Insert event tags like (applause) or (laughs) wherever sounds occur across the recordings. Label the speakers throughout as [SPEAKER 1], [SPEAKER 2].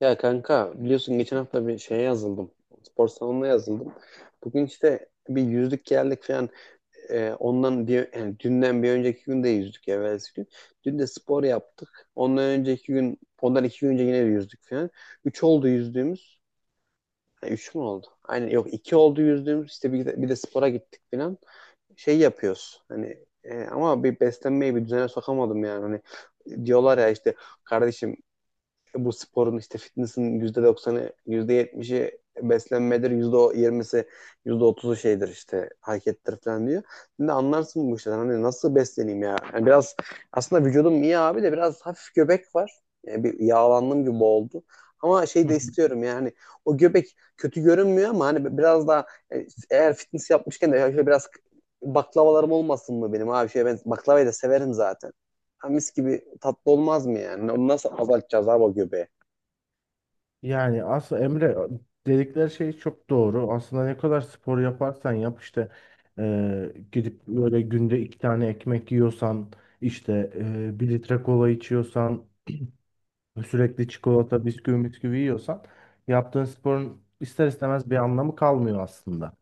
[SPEAKER 1] Ya kanka biliyorsun geçen hafta bir şeye yazıldım. Spor salonuna yazıldım. Bugün işte bir yüzdük geldik falan. Ondan bir yani dünden bir önceki gün de yüzdük evvelsi gün. Dün de spor yaptık. Ondan önceki gün ondan iki gün önce yine de yüzdük falan. Üç oldu yüzdüğümüz. Ha, üç mü oldu? Aynen yok iki oldu yüzdüğümüz. İşte bir de spora gittik falan. Şey yapıyoruz. Hani ama bir beslenmeyi bir düzene sokamadım yani. Hani diyorlar ya işte kardeşim bu sporun işte fitness'in yüzde doksanı yüzde yetmişi beslenmedir, yüzde yirmisi yüzde otuzu şeydir işte harekettir falan diyor. Şimdi anlarsın bu işten hani nasıl besleneyim ya. Yani biraz aslında vücudum iyi abi de biraz hafif göbek var. Yani bir yağlandım gibi oldu. Ama şey
[SPEAKER 2] Hı
[SPEAKER 1] de
[SPEAKER 2] hı.
[SPEAKER 1] istiyorum yani o göbek kötü görünmüyor ama hani biraz daha eğer fitness yapmışken de şöyle biraz baklavalarım olmasın mı benim abi şey ben baklavayı da severim zaten. Ha, mis gibi tatlı olmaz mı yani? Onu nasıl azaltacağız abi o göbeği?
[SPEAKER 2] Yani aslında Emre dedikleri şey çok doğru. Aslında ne kadar spor yaparsan yap işte gidip böyle günde iki tane ekmek yiyorsan işte bir litre kola içiyorsan sürekli çikolata bisküvi yiyorsan yaptığın sporun ister istemez bir anlamı kalmıyor aslında.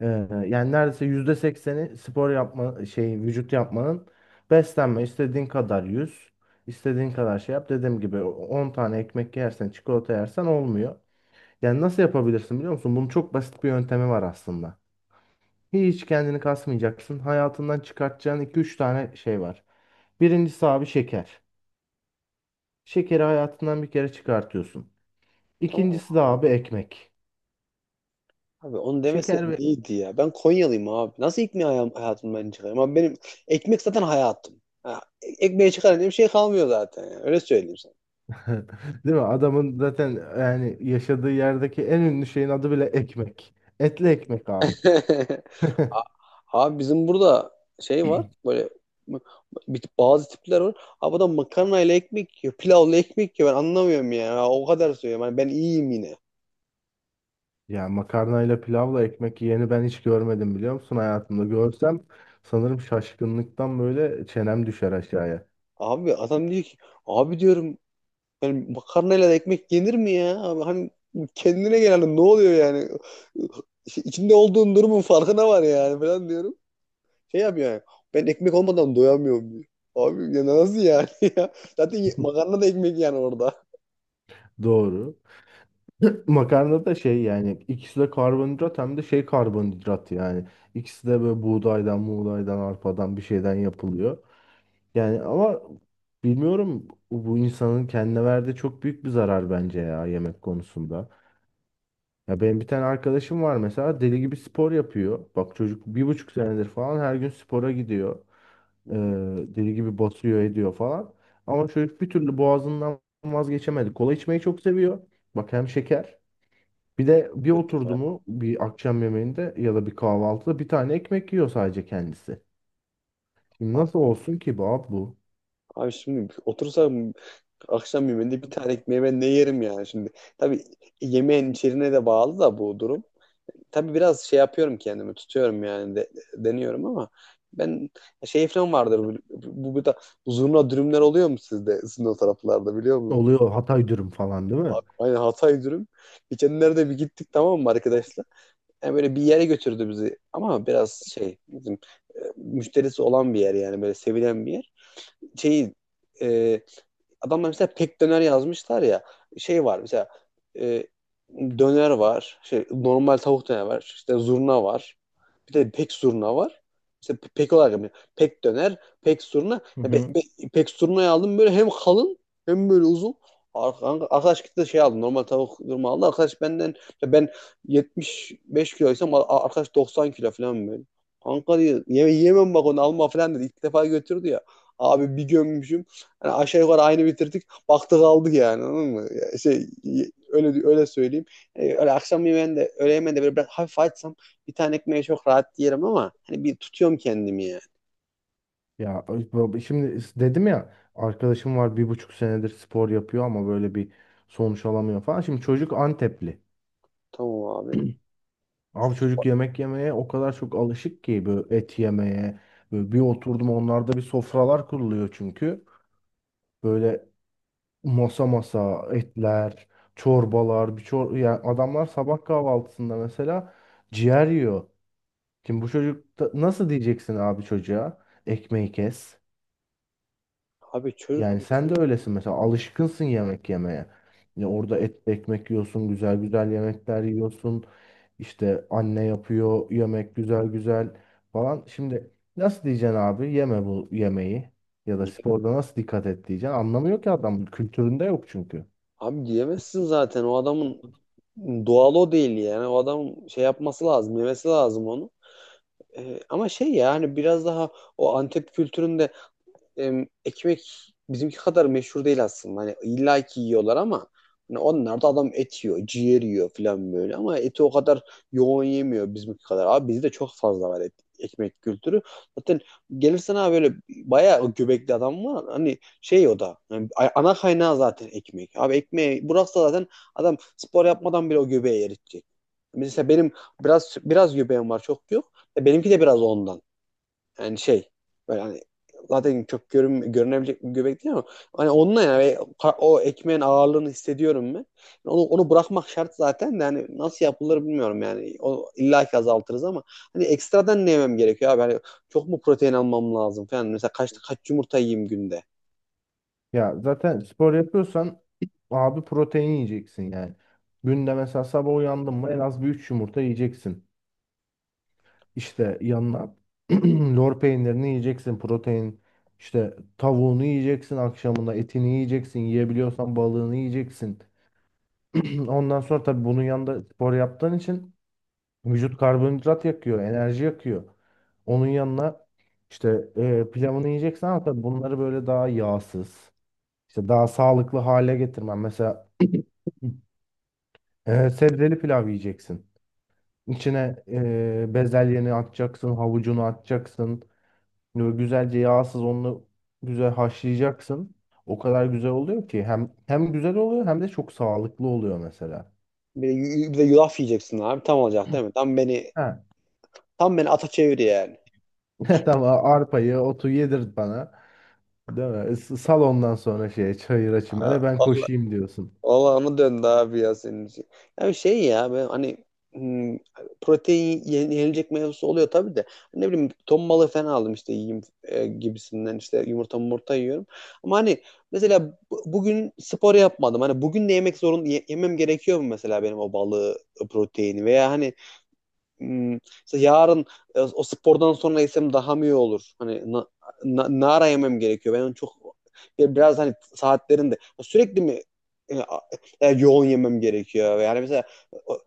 [SPEAKER 2] E, yani neredeyse %80'i spor yapma şey vücut yapmanın beslenme istediğin kadar yüz istediğin kadar şey yap. Dediğim gibi 10 tane ekmek yersen çikolata yersen olmuyor. Yani nasıl yapabilirsin biliyor musun? Bunun çok basit bir yöntemi var aslında. Hiç kendini kasmayacaksın. Hayatından çıkartacağın iki üç tane şey var. Birincisi abi şeker. Şekeri hayatından bir kere çıkartıyorsun.
[SPEAKER 1] Tamam
[SPEAKER 2] İkincisi de
[SPEAKER 1] abi.
[SPEAKER 2] abi ekmek.
[SPEAKER 1] Abi onu
[SPEAKER 2] Şeker
[SPEAKER 1] demeseydin
[SPEAKER 2] ve...
[SPEAKER 1] iyiydi ya. Ben Konyalıyım abi. Nasıl ekmeği hayatım, hayatımdan ben çıkarayım? Abi benim ekmek zaten hayatım. Ha, ekmeği çıkarın diye bir şey kalmıyor zaten. Yani. Öyle söyleyeyim sana.
[SPEAKER 2] (laughs) Değil mi? Adamın zaten yani yaşadığı yerdeki en ünlü şeyin adı bile ekmek. Etli ekmek abi.
[SPEAKER 1] (laughs)
[SPEAKER 2] (laughs)
[SPEAKER 1] A- Abi bizim burada şey var. Böyle m- bazı tipler var. Abi adam makarnayla ekmek yiyor. Pilavla ekmek yiyor. Ben anlamıyorum ya. O kadar söylüyorum. Hani ben iyiyim yine.
[SPEAKER 2] Ya makarnayla pilavla ekmek yiyeni ben hiç görmedim biliyor musun hayatımda. Görsem sanırım şaşkınlıktan böyle çenem düşer aşağıya.
[SPEAKER 1] Abi adam diyor ki abi diyorum. Yani makarnayla da ekmek yenir mi ya? Abi hani kendine gel hani ne oluyor yani? İşte İçinde olduğun durumun farkına var yani falan diyorum. Şey yapıyor yani. Ben ekmek olmadan doyamıyorum diyor. Abi ya nasıl yani (laughs) ya? Zaten
[SPEAKER 2] (laughs)
[SPEAKER 1] makarna da ekmek yani orada.
[SPEAKER 2] Doğru. (laughs) Makarna da şey yani ikisi de karbonhidrat hem de şey karbonhidrat yani. İkisi de böyle buğdaydan, arpadan bir şeyden yapılıyor. Yani ama bilmiyorum bu insanın kendine verdiği çok büyük bir zarar bence ya yemek konusunda. Ya benim bir tane arkadaşım var mesela deli gibi spor yapıyor. Bak çocuk bir buçuk senedir falan her gün spora gidiyor.
[SPEAKER 1] Hı
[SPEAKER 2] Ee,
[SPEAKER 1] hı.
[SPEAKER 2] deli gibi basıyor ediyor falan. Ama çocuk bir türlü boğazından vazgeçemedi. Kola içmeyi çok seviyor. Bak hem şeker. Bir de bir
[SPEAKER 1] Kötü
[SPEAKER 2] oturdu
[SPEAKER 1] ya.
[SPEAKER 2] mu bir akşam yemeğinde ya da bir kahvaltıda bir tane ekmek yiyor sadece kendisi. Şimdi
[SPEAKER 1] A-
[SPEAKER 2] nasıl olsun ki bu abi bu?
[SPEAKER 1] Abi şimdi otursam akşam yemeğinde bir tane ekmeği ben ne yerim yani şimdi. Tabii yemeğin içeriğine de bağlı da bu durum. Tabii biraz şey yapıyorum kendimi tutuyorum yani deniyorum ama ben şey falan vardır bu da zurna dürümler oluyor mu sizde sizin o taraflarda biliyor musunuz?
[SPEAKER 2] Oluyor Hatay dürüm falan değil mi?
[SPEAKER 1] Aynen Hatay dürüm. Geçenlerde bir gittik tamam mı arkadaşlar? Yani böyle bir yere götürdü bizi ama biraz şey bizim müşterisi olan bir yer yani böyle sevilen bir yer. Şeyi e, adamlar mesela pek döner yazmışlar ya. Şey var mesela e, döner var. Şey, normal tavuk döner var. İşte zurna var. Bir de pek zurna var. İşte pek olarak yapıyor. Pek döner, pek zurna.
[SPEAKER 2] Hı
[SPEAKER 1] Ya
[SPEAKER 2] hı.
[SPEAKER 1] pek zurnayı aldım böyle hem kalın hem böyle uzun. Ar- Arkadaş gitti de şey aldı. Normal tavuk zurna aldı. Arkadaş benden ben 75 kiloysam arkadaş 90 kilo falan böyle. Kanka diyor, yeme, yemem bak onu alma falan dedi. İlk defa götürdü ya. Abi bir gömmüşüm. Yani aşağı yukarı aynı bitirdik. Baktık aldık yani anladın mı? Ya şey, öyle öyle söyleyeyim. Öyle akşam yemeğinde, öğle yemeğinde böyle biraz hafif açsam bir tane ekmeği çok rahat yerim ama hani bir tutuyorum kendimi yani.
[SPEAKER 2] Ya abi şimdi dedim ya arkadaşım var bir buçuk senedir spor yapıyor ama böyle bir sonuç alamıyor falan. Şimdi çocuk Antepli.
[SPEAKER 1] Tamam abi.
[SPEAKER 2] (clears throat) Abi çocuk yemek yemeye o kadar çok alışık ki böyle et yemeye. Böyle bir oturdum onlarda bir sofralar kuruluyor çünkü. Böyle masa masa etler, çorbalar, bir çor yani adamlar sabah kahvaltısında mesela ciğer yiyor. Şimdi bu çocuk da- nasıl diyeceksin abi çocuğa? Ekmeği kes.
[SPEAKER 1] Abi çocuk
[SPEAKER 2] Yani sen de öylesin mesela alışkınsın yemek yemeye. Ya orada et ekmek yiyorsun, güzel güzel yemekler yiyorsun. İşte anne yapıyor yemek güzel güzel falan. Şimdi nasıl diyeceksin abi yeme bu yemeği ya da sporda nasıl dikkat et diyeceksin. Anlamıyor ki adam kültüründe yok çünkü.
[SPEAKER 1] abi diyemezsin zaten. O adamın doğal o değil yani. O adamın şey yapması lazım, yemesi lazım onu. Ama şey yani biraz daha o Antep kültüründe ekmek bizimki kadar meşhur değil aslında. Hani illa ki yiyorlar ama hani onlar da adam et yiyor, ciğer yiyor falan böyle ama eti o kadar yoğun yemiyor bizimki kadar. Abi bizde çok fazla var et, ekmek kültürü. Zaten gelirsen abi böyle bayağı göbekli adam var. Hani şey o da yani ana kaynağı zaten ekmek. Abi ekmeği bıraksa zaten adam spor yapmadan bile o göbeği eritecek. Mesela benim biraz biraz göbeğim var çok yok. Benimki de biraz ondan. Yani şey böyle hani zaten çok görünebilecek bir göbek değil ama hani onunla yani o ekmeğin ağırlığını hissediyorum ben. Yani onu bırakmak şart zaten de hani nasıl yapılır bilmiyorum yani. O, illa ki azaltırız ama hani ekstradan ne yemem gerekiyor abi? Hani çok mu protein almam lazım falan. Mesela kaç yumurta yiyeyim günde?
[SPEAKER 2] Ya zaten spor yapıyorsan abi protein yiyeceksin yani. Günde mesela sabah uyandın mı en az bir 3 yumurta yiyeceksin. İşte yanına (clears throat) lor peynirini yiyeceksin, protein işte tavuğunu yiyeceksin akşamında, etini yiyeceksin, yiyebiliyorsan balığını yiyeceksin. (clears throat) Ondan sonra tabii bunun yanında spor yaptığın için vücut karbonhidrat yakıyor, enerji yakıyor. Onun yanına işte pilavını yiyeceksin ama tabii bunları böyle daha yağsız, işte daha sağlıklı hale getirmen. Mesela sebzeli pilav yiyeceksin. İçine bezelyeni atacaksın, havucunu atacaksın. Böyle güzelce yağsız onu güzel haşlayacaksın. O kadar güzel oluyor ki hem güzel oluyor hem de çok sağlıklı oluyor mesela.
[SPEAKER 1] Bir de, bir de yulaf yiyeceksin abi. Tam olacak değil mi?
[SPEAKER 2] Ha.
[SPEAKER 1] Tam beni ata çevir yani.
[SPEAKER 2] (laughs) Tamam arpayı, otu yedirt bana. Değil mi? S- Sal ondan sonra şeye çayıra çimene ben koşayım diyorsun.
[SPEAKER 1] Olağanı döndü abi ya senin için. Yani şey ya ben hani hmm, protein yenilecek mevzusu oluyor tabii de. Ne bileyim ton balığı falan aldım işte yiyeyim gibisinden işte yumurta yiyorum. Ama hani mesela bugün spor yapmadım. Hani bugün de yemek zorun yemem gerekiyor mu mesela benim o balığı proteini veya hani işte yarın o spordan sonra yesem daha mı iyi olur? Hani nara yemem gerekiyor. Ben onu çok ya biraz hani saatlerinde sürekli mi e, a- yoğun yemem gerekiyor? Yani mesela o-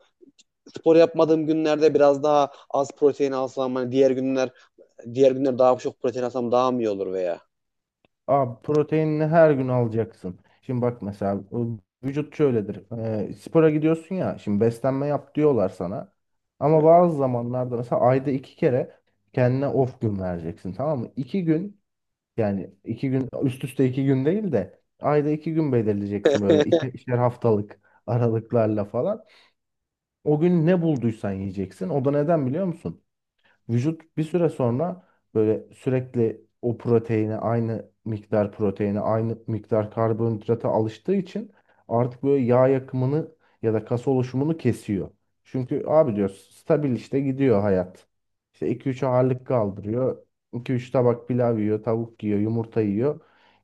[SPEAKER 1] spor yapmadığım günlerde biraz daha az protein alsam hani diğer günler daha çok protein alsam daha mı iyi olur veya?
[SPEAKER 2] Abi proteinini her gün alacaksın. Şimdi bak mesela o vücut şöyledir. Spora gidiyorsun ya şimdi beslenme yap diyorlar sana. Ama bazı zamanlarda mesela ayda iki kere kendine off gün vereceksin tamam mı? İki gün yani iki gün üst üste iki gün değil de ayda iki gün belirleyeceksin böyle ikişer haftalık aralıklarla falan. O gün ne bulduysan yiyeceksin. O da neden biliyor musun? Vücut bir süre sonra böyle sürekli o proteine aynı miktar proteine aynı miktar karbonhidrata alıştığı için artık böyle yağ yakımını ya da kas oluşumunu kesiyor. Çünkü abi diyor stabil işte gidiyor hayat. İşte iki üç ağırlık kaldırıyor. İki üç tabak pilav yiyor, tavuk yiyor, yumurta yiyor.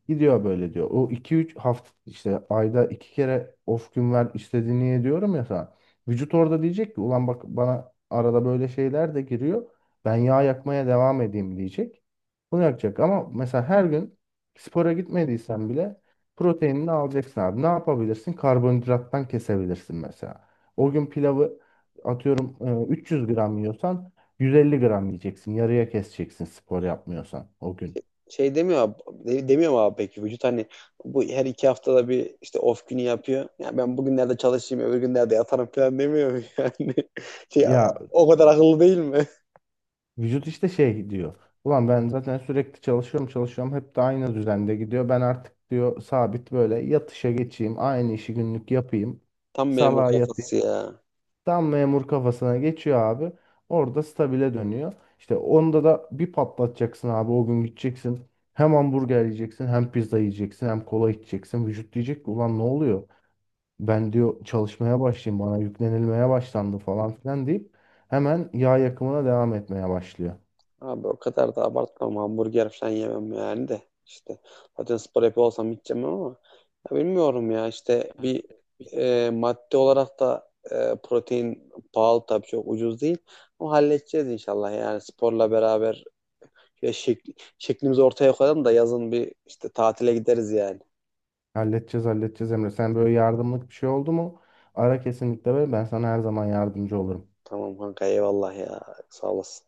[SPEAKER 2] Gidiyor böyle diyor. O iki üç hafta işte ayda iki kere off gün ver istediğini ye diyorum ya sana. Vücut orada diyecek ki ulan bak bana arada böyle şeyler de giriyor. Ben yağ yakmaya devam edeyim diyecek. Bunu yakacak ama mesela her gün spora gitmediysen bile proteinini alacaksın abi. Ne yapabilirsin? Karbonhidrattan kesebilirsin mesela. O gün pilavı atıyorum 300 gram yiyorsan 150 gram yiyeceksin. Yarıya keseceksin spor yapmıyorsan o gün.
[SPEAKER 1] Şey demiyor abi, demiyor mu abi peki vücut hani bu her iki haftada bir işte off günü yapıyor. Ya yani ben bugünlerde çalışayım öbür günlerde yatarım falan demiyor mu yani? (laughs) Şey,
[SPEAKER 2] Ya
[SPEAKER 1] o kadar akıllı değil mi?
[SPEAKER 2] vücut işte şey diyor. Ulan ben zaten sürekli çalışıyorum çalışıyorum hep de aynı düzende gidiyor. Ben artık diyor sabit böyle yatışa geçeyim aynı işi günlük yapayım.
[SPEAKER 1] Tam memur
[SPEAKER 2] Salağa
[SPEAKER 1] kafası
[SPEAKER 2] yatayım.
[SPEAKER 1] ya.
[SPEAKER 2] Tam memur kafasına geçiyor abi. Orada stabile dönüyor. İşte onda da bir patlatacaksın abi. O gün gideceksin. Hem hamburger yiyeceksin, hem pizza yiyeceksin, hem kola içeceksin. Vücut diyecek ki ulan ne oluyor? Ben diyor çalışmaya başlayayım. Bana yüklenilmeye başlandı falan filan deyip hemen yağ yakımına devam etmeye başlıyor.
[SPEAKER 1] Abi o kadar da abartmam hamburger falan yemem yani de İşte zaten spor yapıyor olsam hiç yemem ama ya bilmiyorum ya işte bir madde olarak da protein pahalı tabii çok ucuz değil. O halledeceğiz inşallah yani sporla beraber ya şeklimizi ortaya koyalım da yazın bir işte tatile gideriz yani.
[SPEAKER 2] Halledeceğiz, halledeceğiz Emre. Sen böyle yardımlık bir şey oldu mu? Ara kesinlikle ve ben sana her zaman yardımcı olurum.
[SPEAKER 1] Tamam kanka eyvallah ya. Sağ olasın.